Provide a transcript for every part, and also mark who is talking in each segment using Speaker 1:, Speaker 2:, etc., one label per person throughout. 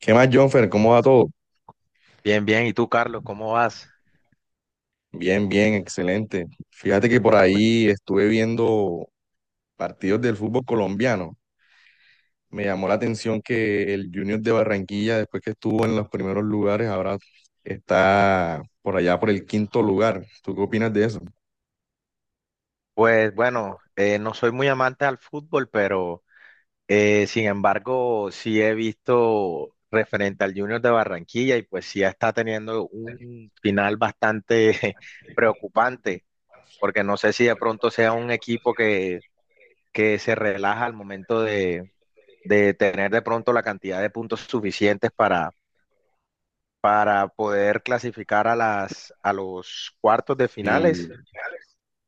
Speaker 1: ¿Qué más, Jonfer? ¿Cómo va todo?
Speaker 2: Bien, bien. ¿Y tú, Carlos, cómo vas?
Speaker 1: Bien, bien, excelente. Fíjate que por ahí estuve viendo partidos del fútbol colombiano. Me llamó la atención que el Junior de Barranquilla, después que estuvo en los primeros lugares, ahora está por allá por el quinto lugar. ¿Tú qué opinas de eso?
Speaker 2: Pues bueno, no soy muy amante al fútbol, pero sin embargo sí he visto referente al Junior de Barranquilla y pues sí está teniendo un final bastante preocupante, porque no sé si de pronto sea un equipo que se relaja al momento de tener de pronto la cantidad de puntos suficientes para poder clasificar a a los cuartos de
Speaker 1: Sí,
Speaker 2: finales.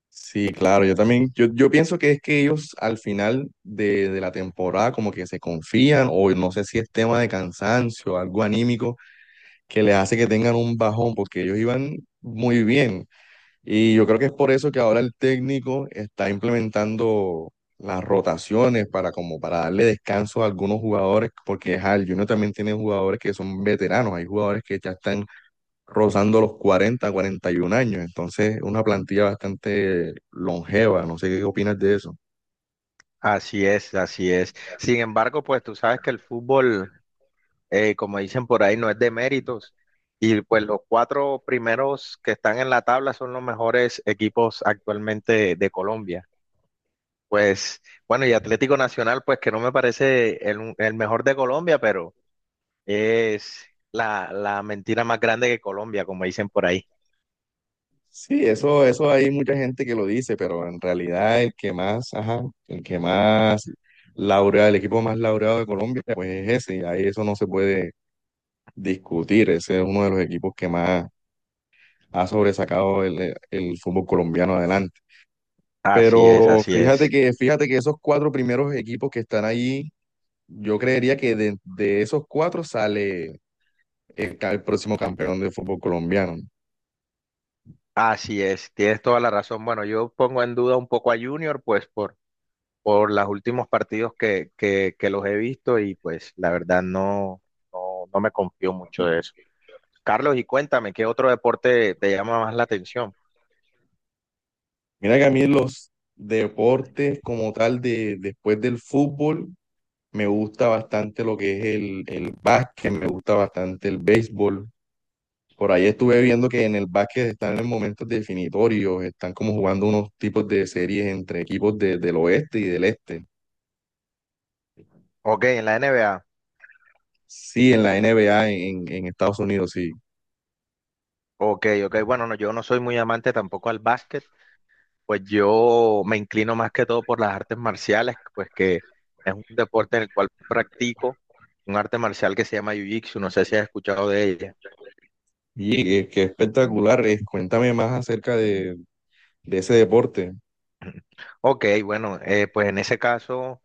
Speaker 1: sí, claro, yo también, yo pienso que es que ellos al final de la temporada como que se confían o no sé si es tema de cansancio, algo anímico que les hace que tengan un bajón, porque ellos iban muy bien. Y yo creo que es por eso que ahora el técnico está implementando las rotaciones para como para darle descanso a algunos jugadores, porque ajá, el Junior también tiene jugadores que son veteranos, hay jugadores que ya están rozando los cuarenta y un años, entonces es una plantilla bastante longeva, no sé qué opinas de eso.
Speaker 2: Así es, así es. Sin embargo, pues tú sabes que el fútbol, como dicen por ahí, no es de méritos. Y pues los cuatro primeros que están en la tabla son los mejores equipos actualmente de Colombia. Pues bueno, y Atlético Nacional, pues que no me parece el mejor de Colombia, pero es la mentira más grande que Colombia, como dicen por ahí.
Speaker 1: Sí, eso hay mucha gente que lo dice, pero en realidad el que más, ajá, el que más laureado, el equipo más laureado de Colombia, pues es ese, y ahí eso no se puede discutir. Ese es uno de los equipos que más ha sobresacado el fútbol colombiano adelante.
Speaker 2: Así es,
Speaker 1: Pero
Speaker 2: así es.
Speaker 1: fíjate que esos cuatro primeros equipos que están allí, yo creería que de esos cuatro sale el próximo campeón del fútbol colombiano.
Speaker 2: Así es, tienes toda la razón. Bueno, yo pongo en duda un poco a Junior, pues por los últimos partidos que los he visto y pues la verdad no me confío mucho de eso. Carlos, y cuéntame, ¿qué otro deporte te llama más la atención?
Speaker 1: Mira que a mí los deportes como tal de después del fútbol me gusta bastante lo que es el básquet, me gusta bastante el béisbol. Por ahí estuve viendo que en el básquet están en momentos definitorios, están como jugando unos tipos de series entre del oeste y del este.
Speaker 2: Ok, en la NBA.
Speaker 1: Sí, en la NBA en Estados Unidos, sí.
Speaker 2: Ok, ok, bueno, no, yo no soy muy amante tampoco al básquet, pues yo me inclino más que todo por las artes marciales, pues que es un deporte en el cual practico un arte marcial que se llama Jiu-Jitsu, no sé si has escuchado de ella.
Speaker 1: Y qué, qué espectacular es. Cuéntame más acerca de ese deporte.
Speaker 2: Ok, bueno, pues en ese caso.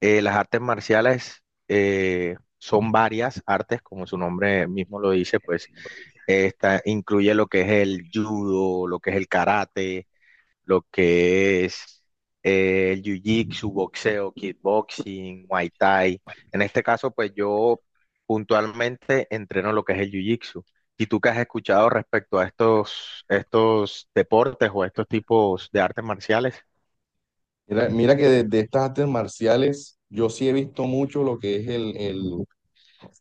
Speaker 2: Las artes marciales son varias artes, como su nombre mismo lo dice, pues esta incluye lo que es el judo, lo que es el karate, lo que es el jiu-jitsu, boxeo, kickboxing, muay thai. En este caso, pues yo puntualmente entreno lo que es el jiu-jitsu. ¿Y tú qué has escuchado respecto a estos deportes o estos tipos de artes marciales?
Speaker 1: Mira que de estas artes marciales, yo sí he visto mucho lo que es el,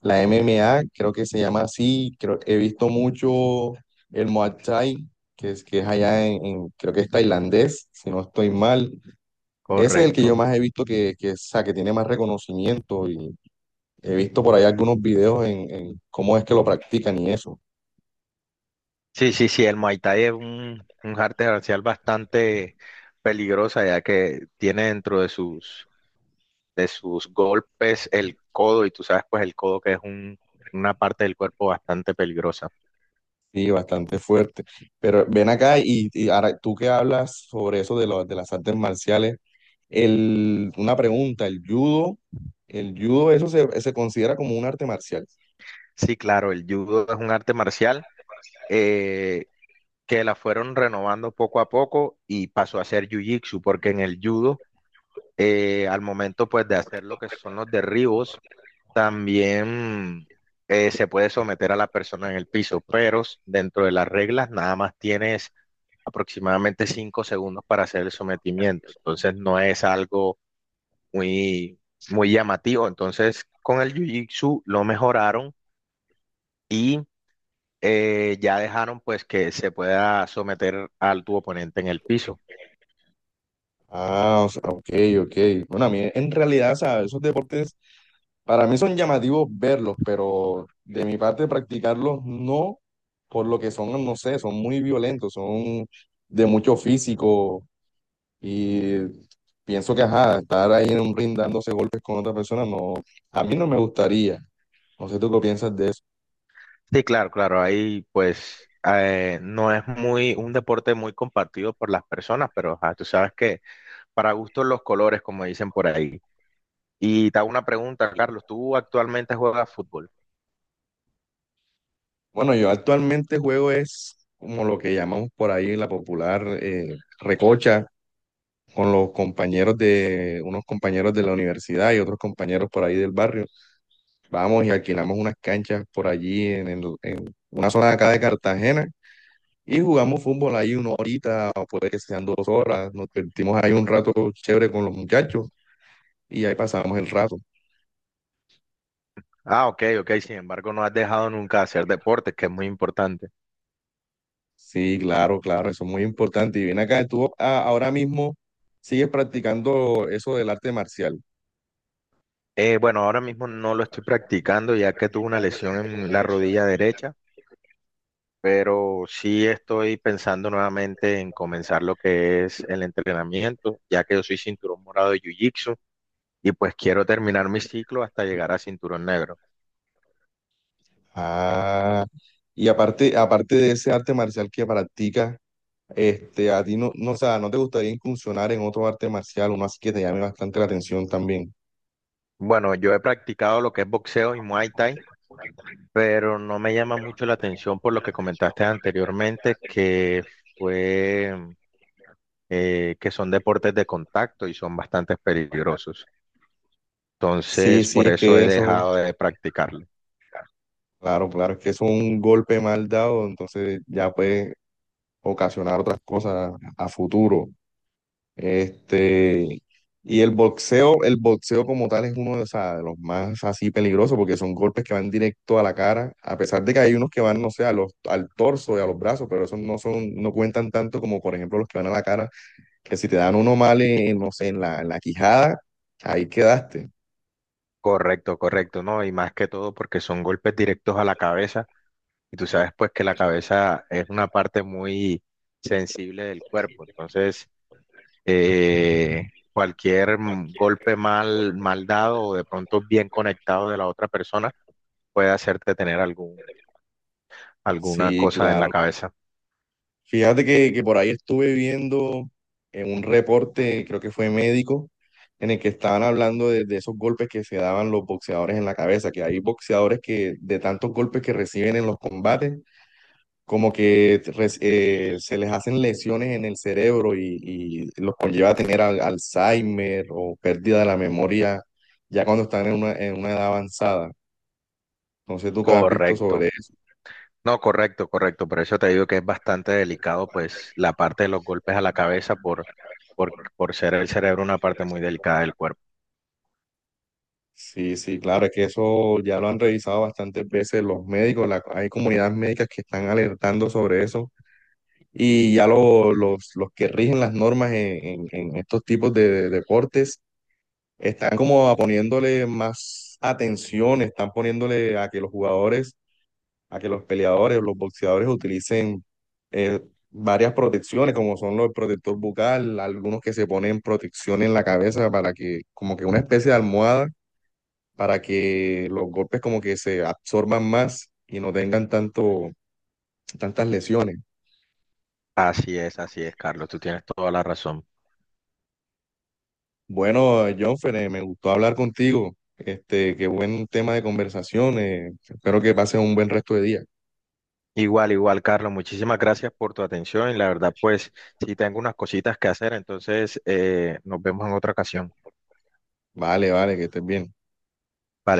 Speaker 1: la MMA, creo que se llama así, creo, he visto mucho el Muay Thai, que es allá creo que es tailandés, si no estoy mal. Ese es el que yo
Speaker 2: Correcto.
Speaker 1: más he visto o sea, que tiene más reconocimiento y he visto por ahí algunos videos en cómo es que lo practican y eso.
Speaker 2: Sí, el Muay Thai es un arte marcial bastante peligrosa, ya que tiene dentro de sus golpes el codo, y tú sabes, pues el codo que es un- una parte del cuerpo bastante peligrosa.
Speaker 1: Sí, bastante fuerte. Pero ven acá y ahora tú que hablas sobre eso de las artes marciales, una pregunta, el judo, eso se considera como un arte marcial.
Speaker 2: Sí, claro, el judo es un arte marcial eh, que la fueron renovando poco a poco y pasó a ser jiu-jitsu, porque en el judo, al momento pues de hacer lo que son los derribos, también se puede someter a la persona en el piso, pero s- dentro de las reglas nada más tienes aproximadamente 5 segundos para hacer el sometimiento. Entonces no es algo muy, muy llamativo. Entonces con el Jiu-Jitsu lo mejoraron y ya dejaron pues que se pueda someter al tu oponente en el piso.
Speaker 1: Ah, o sea, ok, ok. Bueno, a mí en realidad, o sea, esos deportes para mí son llamativos verlos, pero de mi parte practicarlos no, por lo que son, no sé, son muy violentos, son de mucho físico y pienso que, ajá, estar ahí en un ring dándose golpes con otra persona, no, a mí no me gustaría. No sé tú qué piensas de eso.
Speaker 2: Sí, claro, claro, ahí pues no es muy un deporte muy compartido por las personas, pero ajá, tú sabes que para gustos los colores, como dicen por ahí. Y te hago una pregunta, Carlos, ¿tú actualmente juegas fútbol?
Speaker 1: Bueno, yo actualmente juego es como lo que llamamos por ahí en la popular recocha con los compañeros de, unos compañeros de la universidad y otros compañeros por ahí del barrio. Vamos y alquilamos unas canchas por allí en una zona de acá de Cartagena y jugamos fútbol ahí una horita, o puede que sean dos horas. Nos divertimos ahí un rato chévere con los muchachos y ahí pasamos el rato.
Speaker 2: Ah, ok, ok, sin embargo no has dejado nunca de hacer deportes, que es muy importante.
Speaker 1: Sí, claro, claro, eso es muy importante. Y ven acá, ahora mismo sigues practicando eso del arte marcial.
Speaker 2: Bueno, ahora mismo no lo estoy practicando ya que tuve una lesión en la rodilla derecha, pero sí estoy pensando nuevamente en comenzar lo que es el entrenamiento, ya que yo soy cinturón morado de Jiu-Jitsu y pues quiero terminar mi ciclo hasta llegar a cinturón negro.
Speaker 1: Ah, y aparte de ese arte marcial que practicas, este, a ti no, no, o sea, ¿no te gustaría incursionar en otro arte marcial, uno así que te llame bastante la atención también?
Speaker 2: Bueno, yo he practicado lo que es boxeo y Muay Thai pero no me llama mucho la atención por lo que comentaste anteriormente, que fue que son deportes de contacto y son bastante peligrosos.
Speaker 1: Sí,
Speaker 2: Entonces,
Speaker 1: sí,
Speaker 2: por
Speaker 1: es
Speaker 2: eso
Speaker 1: que
Speaker 2: he
Speaker 1: eso,
Speaker 2: dejado de practicarlo.
Speaker 1: claro, claro, es que eso es un golpe mal dado, entonces ya puede ocasionar otras cosas a futuro. Este, y el boxeo como tal es uno de, o sea, de los más así peligrosos porque son golpes que van directo a la cara, a pesar de que hay unos que van, no sé, al torso y a los brazos, pero esos no son, no cuentan tanto como por ejemplo los que van a la cara. Que si te dan uno mal en, no sé, en la quijada, ahí quedaste.
Speaker 2: Correcto, correcto, ¿no? Y más que todo porque son golpes directos a la cabeza y tú sabes pues que la cabeza es una parte muy sensible del cuerpo. Entonces, cualquier golpe mal, mal dado o de pronto bien conectado de la otra persona puede hacerte tener algún, alguna
Speaker 1: Sí,
Speaker 2: cosa en la
Speaker 1: claro.
Speaker 2: cabeza.
Speaker 1: Que por ahí estuve viendo en un reporte, creo que fue médico, en el que estaban hablando de esos golpes que se daban los boxeadores en la cabeza, que hay boxeadores que de tantos golpes que reciben en los combates, se les hacen lesiones en el cerebro y los conlleva a tener Alzheimer o pérdida de la memoria ya cuando están en una edad avanzada. No sé tú qué has visto sobre
Speaker 2: Correcto.
Speaker 1: eso.
Speaker 2: No, correcto, correcto. Por eso te digo que es bastante delicado, pues, la parte de los golpes a la cabeza por ser el cerebro una parte muy delicada del cuerpo.
Speaker 1: Sí, sí, claro, es que eso ya lo han revisado bastantes veces los médicos, hay comunidades médicas que están alertando sobre eso y los que rigen las normas en estos tipos de deportes están como poniéndole más atención, están poniéndole a que los jugadores, a que los peleadores, los boxeadores utilicen eh, varias protecciones, como son los protector bucal, algunos que se ponen protección en la cabeza para que, como que una especie de almohada para que los golpes como que se absorban más y no tengan tanto, tantas lesiones.
Speaker 2: Así es, Carlos. Tú tienes toda la razón.
Speaker 1: Bueno, Jonfer, me gustó hablar contigo. Este, qué buen tema de conversación. Espero que pases un buen resto de día.
Speaker 2: Igual, igual, Carlos. Muchísimas gracias por tu atención. Y la verdad, pues, sí tengo unas cositas que hacer. Entonces, nos vemos en otra ocasión.
Speaker 1: Vale, vale, que estés bien.
Speaker 2: Bye.